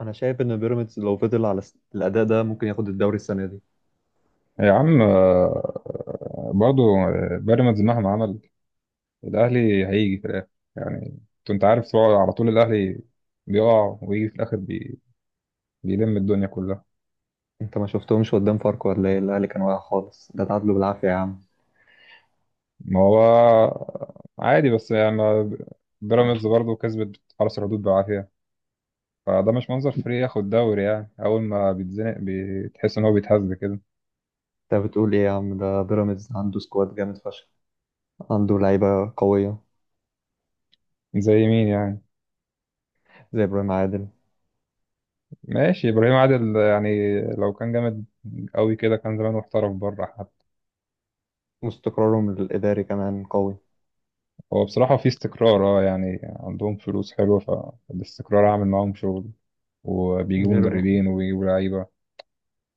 انا شايف ان بيراميدز لو فضل على الاداء ده ممكن ياخد الدوري السنه دي. يا عم برضو بيراميدز مهما عمل الأهلي هيجي في الآخر. يعني أنت عارف طبعاً على طول الأهلي بيقع ويجي في الآخر بيلم الدنيا كلها. انت ما شفتهمش قدام فاركو ولا ايه؟ الاهلي كان واقع خالص، ده تعادلوا بالعافيه يا عم. ما هو عادي، بس يعني بيراميدز برضو كسبت حرس الحدود بالعافية، فده مش منظر فريق ياخد دوري. يعني أول ما بيتزنق بتحس إن هو بيتهز كده. انت بتقول ايه يا عم؟ ده بيراميدز عنده سكواد جامد فشخ، عنده لعيبه قويه زي مين يعني؟ زي ابراهيم عادل، ماشي، إبراهيم عادل يعني لو كان جامد قوي كده كان زمانه احترف بره. واستقرارهم الاداري كمان قوي. هو بصراحة في استقرار، اه، يعني عندهم فلوس حلوة، فالاستقرار عامل معاهم شغل، وبيجيبوا غير. مدربين وبيجيبوا لعيبة.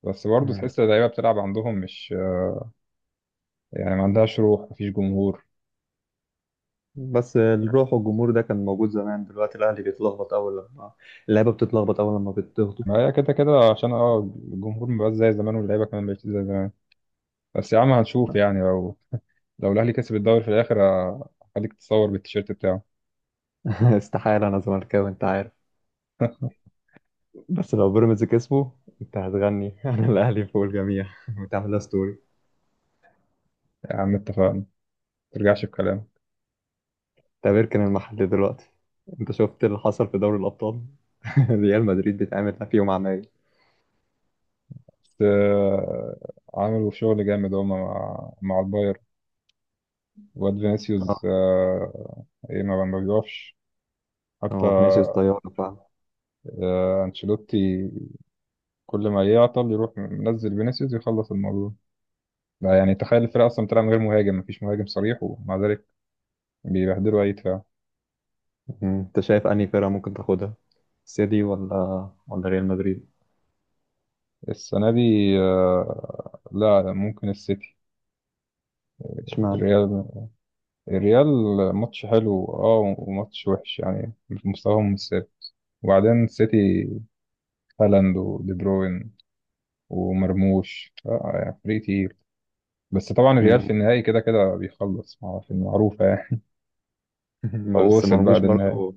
بس برضه مم. تحس اللعيبة بتلعب عندهم مش يعني، ما عندهاش روح، مفيش جمهور. بس الروح والجمهور ده كان موجود زمان، دلوقتي الاهلي بيتلخبط اول لما اللعيبه بتتلخبط اول لما بتضغطوا. ما هي كده كده، عشان اه الجمهور مبقاش زي زمان واللعيبة كمان مبقتش زي زمان. بس يا عم هنشوف يعني، لو الأهلي كسب الدوري في الآخر هخليك تتصور بالتيشيرت بتاعه. استحاله، انا زملكاوي انت عارف. بس لو بيراميدز كسبوا انت هتغني انا الاهلي فوق الجميع وتعملها ستوري. يا عم اتفقنا، ما ترجعش في كلام. تعتبر كان المحل دلوقتي. انت شفت اللي حصل في دوري الابطال؟ ريال مدريد بتعمل فيهم عمايل. بس عملوا شغل جامد هما مع البايرن. واد فينيسيوس اه، ايه، ما بيقفش حتى. هو فينيسيوس طيارة فعلا. انشيلوتي كل ما يعطل يروح منزل فينيسيوس يخلص الموضوع. لا يعني، تخيل الفرقة أصلا بتلعب من غير مهاجم، مفيش مهاجم صريح ومع ذلك بيبهدلوا أي دفاع. مم. انت شايف انهي فرقة ممكن تاخدها، سيتي ولا ريال مدريد؟ السنة دي لا ممكن السيتي. اشمعنى؟ الريال، الريال ماتش حلو اه وماتش وحش يعني، مستواهم مش ثابت. وبعدين السيتي، هالاند ودي بروين ومرموش، يعني فريق تقيل. بس طبعا الريال في مم. النهائي كده كده في المعروفة يعني. أو بس وصل بقى مرموش للنهائي. برضو.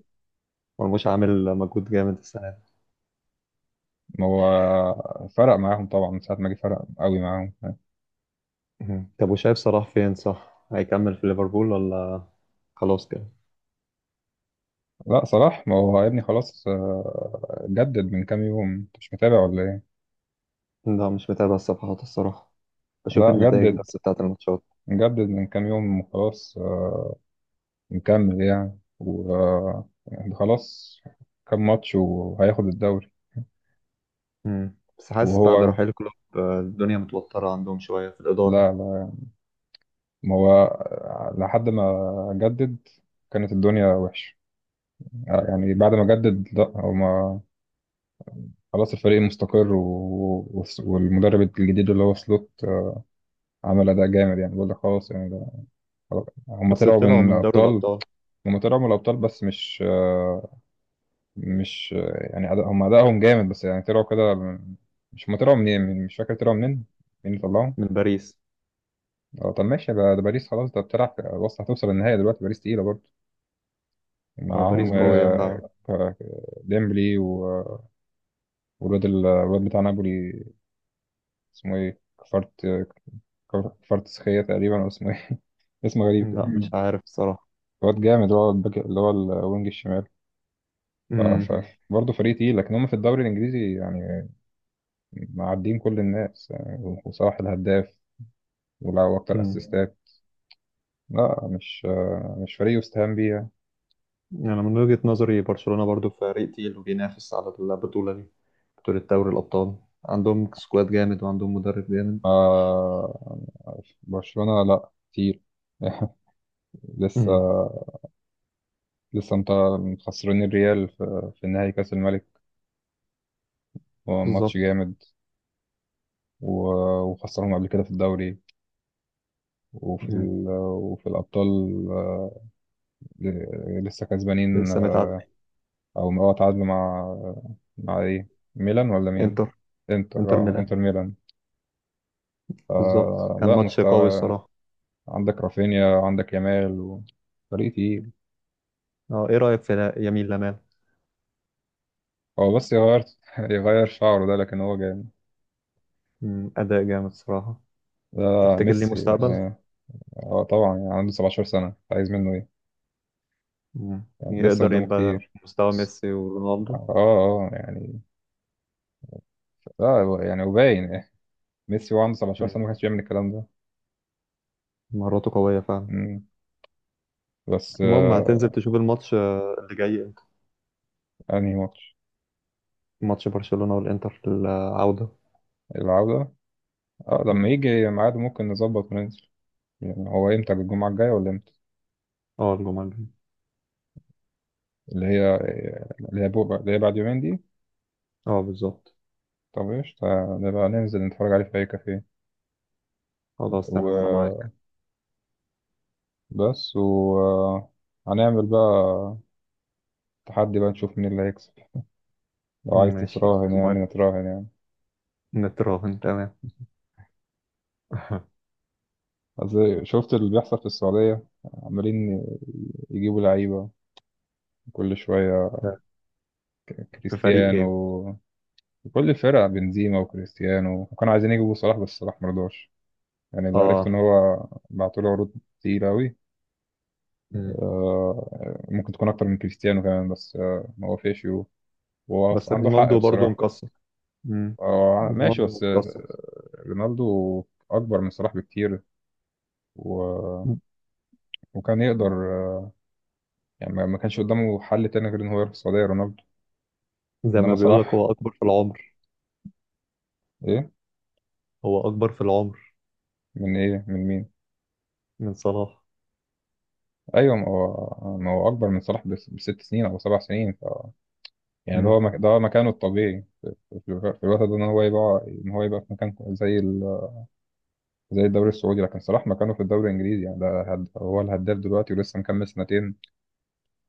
مرموش عامل مجهود جامد السنة دي. ما هو فرق معاهم طبعا، من ساعة ما جه فرق قوي معاهم. مم. طب، وشايف صلاح فين؟ صح هيكمل في ليفربول ولا خلاص كده؟ لا، صلاح ما هو يا ابني خلاص، جدد من كام يوم. أنت مش متابع ولا إيه؟ لا، مش متابع الصفحات الصراحة. بشوف لا، النتائج بس بتاعة الماتشات. جدد من كام يوم وخلاص. مكمل يعني، وخلاص. كام ماتش وهياخد الدوري. مم. بس حاسس بعد وهو، رحيل كلوب الدنيا متوترة عندهم شوية في الإدارة. لا لا ما هو لحد ما جدد كانت الدنيا وحشة يعني. بعد ما جدد لا هو ما، خلاص الفريق مستقر والمدرب الجديد اللي هو سلوت عمل أداء جامد. يعني بقول لك خلاص يعني، ده خلاص. هم بس طلعوا طلعوا من من دوري الأبطال. الأبطال. بس مش يعني أداء، هم أدائهم جامد، بس يعني طلعوا كده مش هم طلعوا منين مش فاكر طلعوا منين. مين اللي طلعهم؟ من باريس. اه طب ماشي بقى، ده باريس خلاص، ده بتلعب. بص هتوصل النهائي دلوقتي، باريس تقيلة برضه، اه معاهم باريس قوية. باريس. ديمبلي والواد الواد بتاع نابولي اسمه ايه، كفارت كفارت سخية تقريبا، أو اسمه إيه؟ اسم غريب كده. لا، مش عارف الصراحة. واد جامد، اللي هو الباك اللي هو الوينج الشمال. مم. برضه فريق تقيل، لكن هم في الدوري الانجليزي يعني معديين كل الناس، يعني وصلاح الهداف ولعبوا اكتر مم. اسيستات. لا مش فريق يستهان بيه يعني. يعني من وجهة نظري برشلونة برضو فريق تقيل، وبينافس على البطولة دي، بطولة دوري الأبطال. عندهم سكواد جامد وعندهم مدرب جامد. آه... برشلونة لا كتير. لسه مم. لسه انت مخسرين الريال في نهائي كاس الملك. هو ماتش بالظبط. جامد. و... وخسرهم قبل كده في الدوري وفي مم. وفي الابطال. آه، لسه كسبانين. لسه متعادل. او اه تعادلوا مع ايه، ميلان ولا مين؟ انتر. انتر، انتر اه ميلان. انتر ميلان. بالظبط، آه كان لا ماتش قوي مستوى. الصراحة. عندك رافينيا، عندك يامال فريق تقيل. اه ايه رأيك في يمين لامال؟ هو بس يغير يغير شعره ده، لكن هو جامد. أداء جامد الصراحة. ده تفتكر ليه ميسي مستقبل؟ يعني. اه طبعا، يعني عنده 17 سنة، عايز منه ايه؟ مم. يعني لسه يقدر قدامه يبقى كتير. مستوى ميسي ورونالدو؟ اه اه، يعني اه يعني وباين إيه. ميسي وهو عنده 17 مم. سنة ما كانش بيعمل الكلام ده. مهاراته قوية فعلا. مم. بس المهم، هتنزل آه. تشوف الماتش اللي جاي امتى؟ انهي ماتش؟ ماتش برشلونة والإنتر في العودة. العودة، اه لما مم. يجي ميعاده ممكن نظبط وننزل. يعني هو امتى، الجمعة الجاية ولا امتى؟ اه الجمعة الجاية. اللي هي اللي هي بكرة، اللي هي بعد يومين دي. اه بالظبط. طب ايش، نبقى ننزل نتفرج عليه في أي كافيه خلاص تمام، أنا معاك. وبس، وهنعمل بقى تحدي بقى نشوف مين اللي هيكسب. لو عايز ماشي تتراهن موافق. يعني نتراهن يعني. نتراهن، تمام. أصل شفت اللي بيحصل في السعودية، عمالين يجيبوا لعيبة كل شوية. في فريق إيه؟ كريستيانو، كل الفرق، بنزيما وكريستيانو، وكانوا عايزين يجيبوا صلاح بس صلاح مرضاش. يعني اللي عرفت إن اه. هو بعتوله عروض كتير أوي. مم. ممكن تكون اكتر من كريستيانو كمان، بس ما وافقش. وهو بس عنده حق رونالدو برضه بصراحه. مكسر. مم. ماشي، رونالدو بس مكسر. رونالدو اكبر من صلاح بكتير. و... وكان يقدر يعني ما كانش قدامه حل تاني غير ان هو يروح السعوديه، رونالدو. زي ما انما بيقول لك، صلاح هو أكبر في العمر. ايه. هو أكبر في العمر من ايه من مين؟ من صلاح. ايوه، ما هو اكبر من صلاح بست سنين او سبع سنين. يعني ده هو مم. ده هو مكانه الطبيعي في الوقت ده، ان هو يبقى في مكان زي الدوري السعودي. لكن صلاح مكانه في الدوري الانجليزي، يعني ده هو الهداف دلوقتي ولسه مكمل سنتين.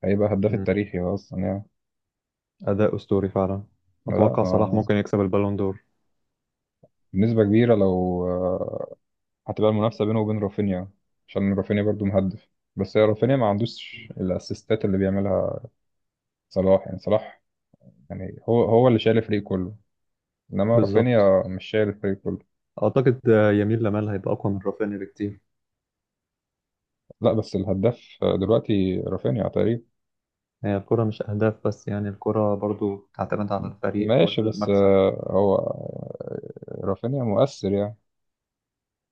هيبقى هداف مم. التاريخي اصلا يعني. أداء أسطوري فعلا. لا أتوقع صلاح آه، ممكن يكسب البالون دور. بنسبة كبيرة. لو هتبقى المنافسة بينه وبين رافينيا، عشان رافينيا برضو مهدف. بس هي رافينيا ما عندوش الاسيستات اللي بيعملها صلاح. يعني صلاح، يعني هو اللي شايل الفريق كله، انما بالظبط. رافينيا مش شايل الفريق كله. أعتقد يمين لمال هيبقى أقوى من رافينيا بكتير. لا بس الهداف دلوقتي رافينيا تقريبا. هي الكرة مش أهداف بس يعني، الكرة برضو تعتمد على الفريق ماشي، بس والمكسب. آه، هو آه، رافينيا مؤثر يعني.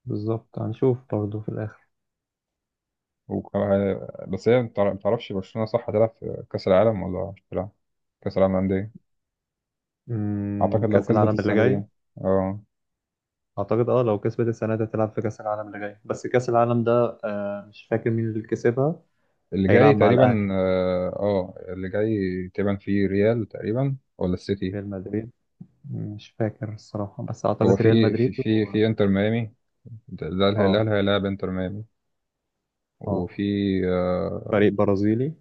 بالظبط، هنشوف برضو في الآخر. وكان بس، هي متعرفش، برشلونة صح هتلعب في كأس العالم ولا مش هتلعب؟ كأس العالم للأندية. مم. أعتقد لو كأس كسبت العالم اللي السنة دي جاي. يعني. اه، أعتقد لو كسبت السنة دي هتلعب في كأس العالم اللي جاي، بس كأس العالم ده مش فاكر مين اللي كسبها. اللي جاي هيلعب مع تقريبا، الأهلي. اه اللي جاي تقريبا في ريال تقريبا ولا السيتي. ريال مدريد. مش فاكر الصراحة، بس هو أعتقد ريال مدريد و... في انتر ميامي، ده اللي أه. هيلاعب انتر ميامي. أه. وفي، آه، فريق برازيلي.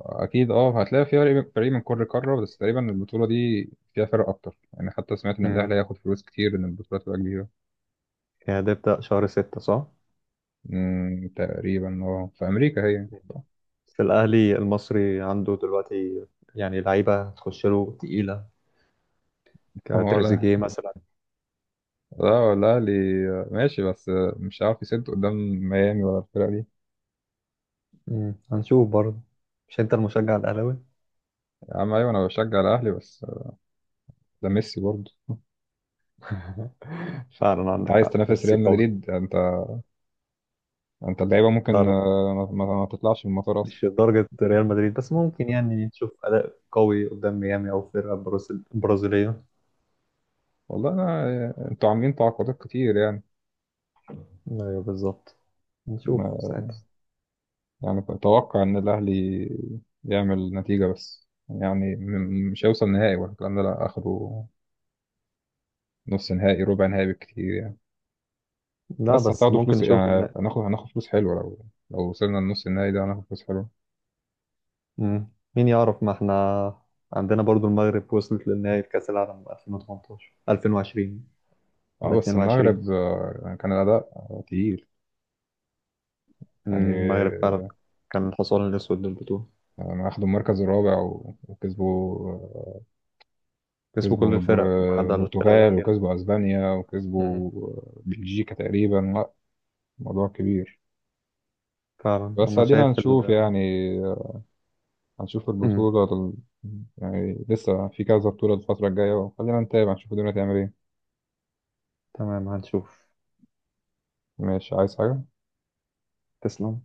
اكيد اه هتلاقي في فريق من كل قاره. بس تقريبا البطوله دي فيها فرق اكتر يعني. حتى سمعت ان الاهلي هياخد فلوس كتير ان البطوله تبقى كبيره. يعني ده يبدأ شهر ستة صح؟ تقريبا، اه في امريكا هي. في الأهلي المصري عنده دلوقتي، يعني لعيبة هتخش له تقيلة، هو لا، كتريزيجيه مثلا. لا الأهلي ماشي، بس مش عارف يسد قدام ميامي ولا الفرقة دي. مم. هنشوف برضه. مش أنت المشجع الأهلاوي؟ يا عم أيوة، أنا بشجع الأهلي بس ده ميسي برضه. فعلا أنت عندك عايز حق، تنافس ميسي ريال قوي. مدريد؟ أنت، أنت اللعيبة لا ممكن لا، ما, ما تطلعش من المطار أصلا. مش لدرجة ريال مدريد، بس ممكن يعني نشوف أداء قوي قدام ميامي أو فرقة برازيلية. والله أنا أنتوا عاملين تعاقدات كتير يعني. أيوه بالظبط، نشوف ما، ساعتها. يعني أتوقع إن الأهلي يعمل نتيجة، بس يعني مش هيوصل نهائي ولا الكلام ده لا آخره. نص نهائي، ربع نهائي بالكتير يعني. لا، بس بس هتاخدوا ممكن فلوس نشوف. يعني، هناخد فلوس حلوة لو وصلنا لنص النهائي ده هناخد فلوس حلوة. مم. مين يعرف، ما احنا عندنا برضو المغرب وصلت للنهائي في كأس العالم 2018 2020 ولا اه بس 22. المغرب يعني كان الأداء تقيل. مم. يعني المغرب فعلا كان الحصان الأسود للبطولة. يعني أخدوا المركز الرابع وكسبوا كسبوا كل كسبوا الفرق ما عدا الفرقة البرتغال، الأخيرة. وكسبوا أسبانيا، مم. وكسبوا بلجيكا تقريبا، لا موضوع كبير. فعلا بس أنا ادينا شايف هنشوف ال... يعني آه، هنشوف مم. البطولة يعني لسه في كذا بطولة الفترة الجاية، وخلينا نتابع نشوف الدنيا تعمل ايه. تمام، هنشوف. ماشي، عايز حاجة؟ تسلم.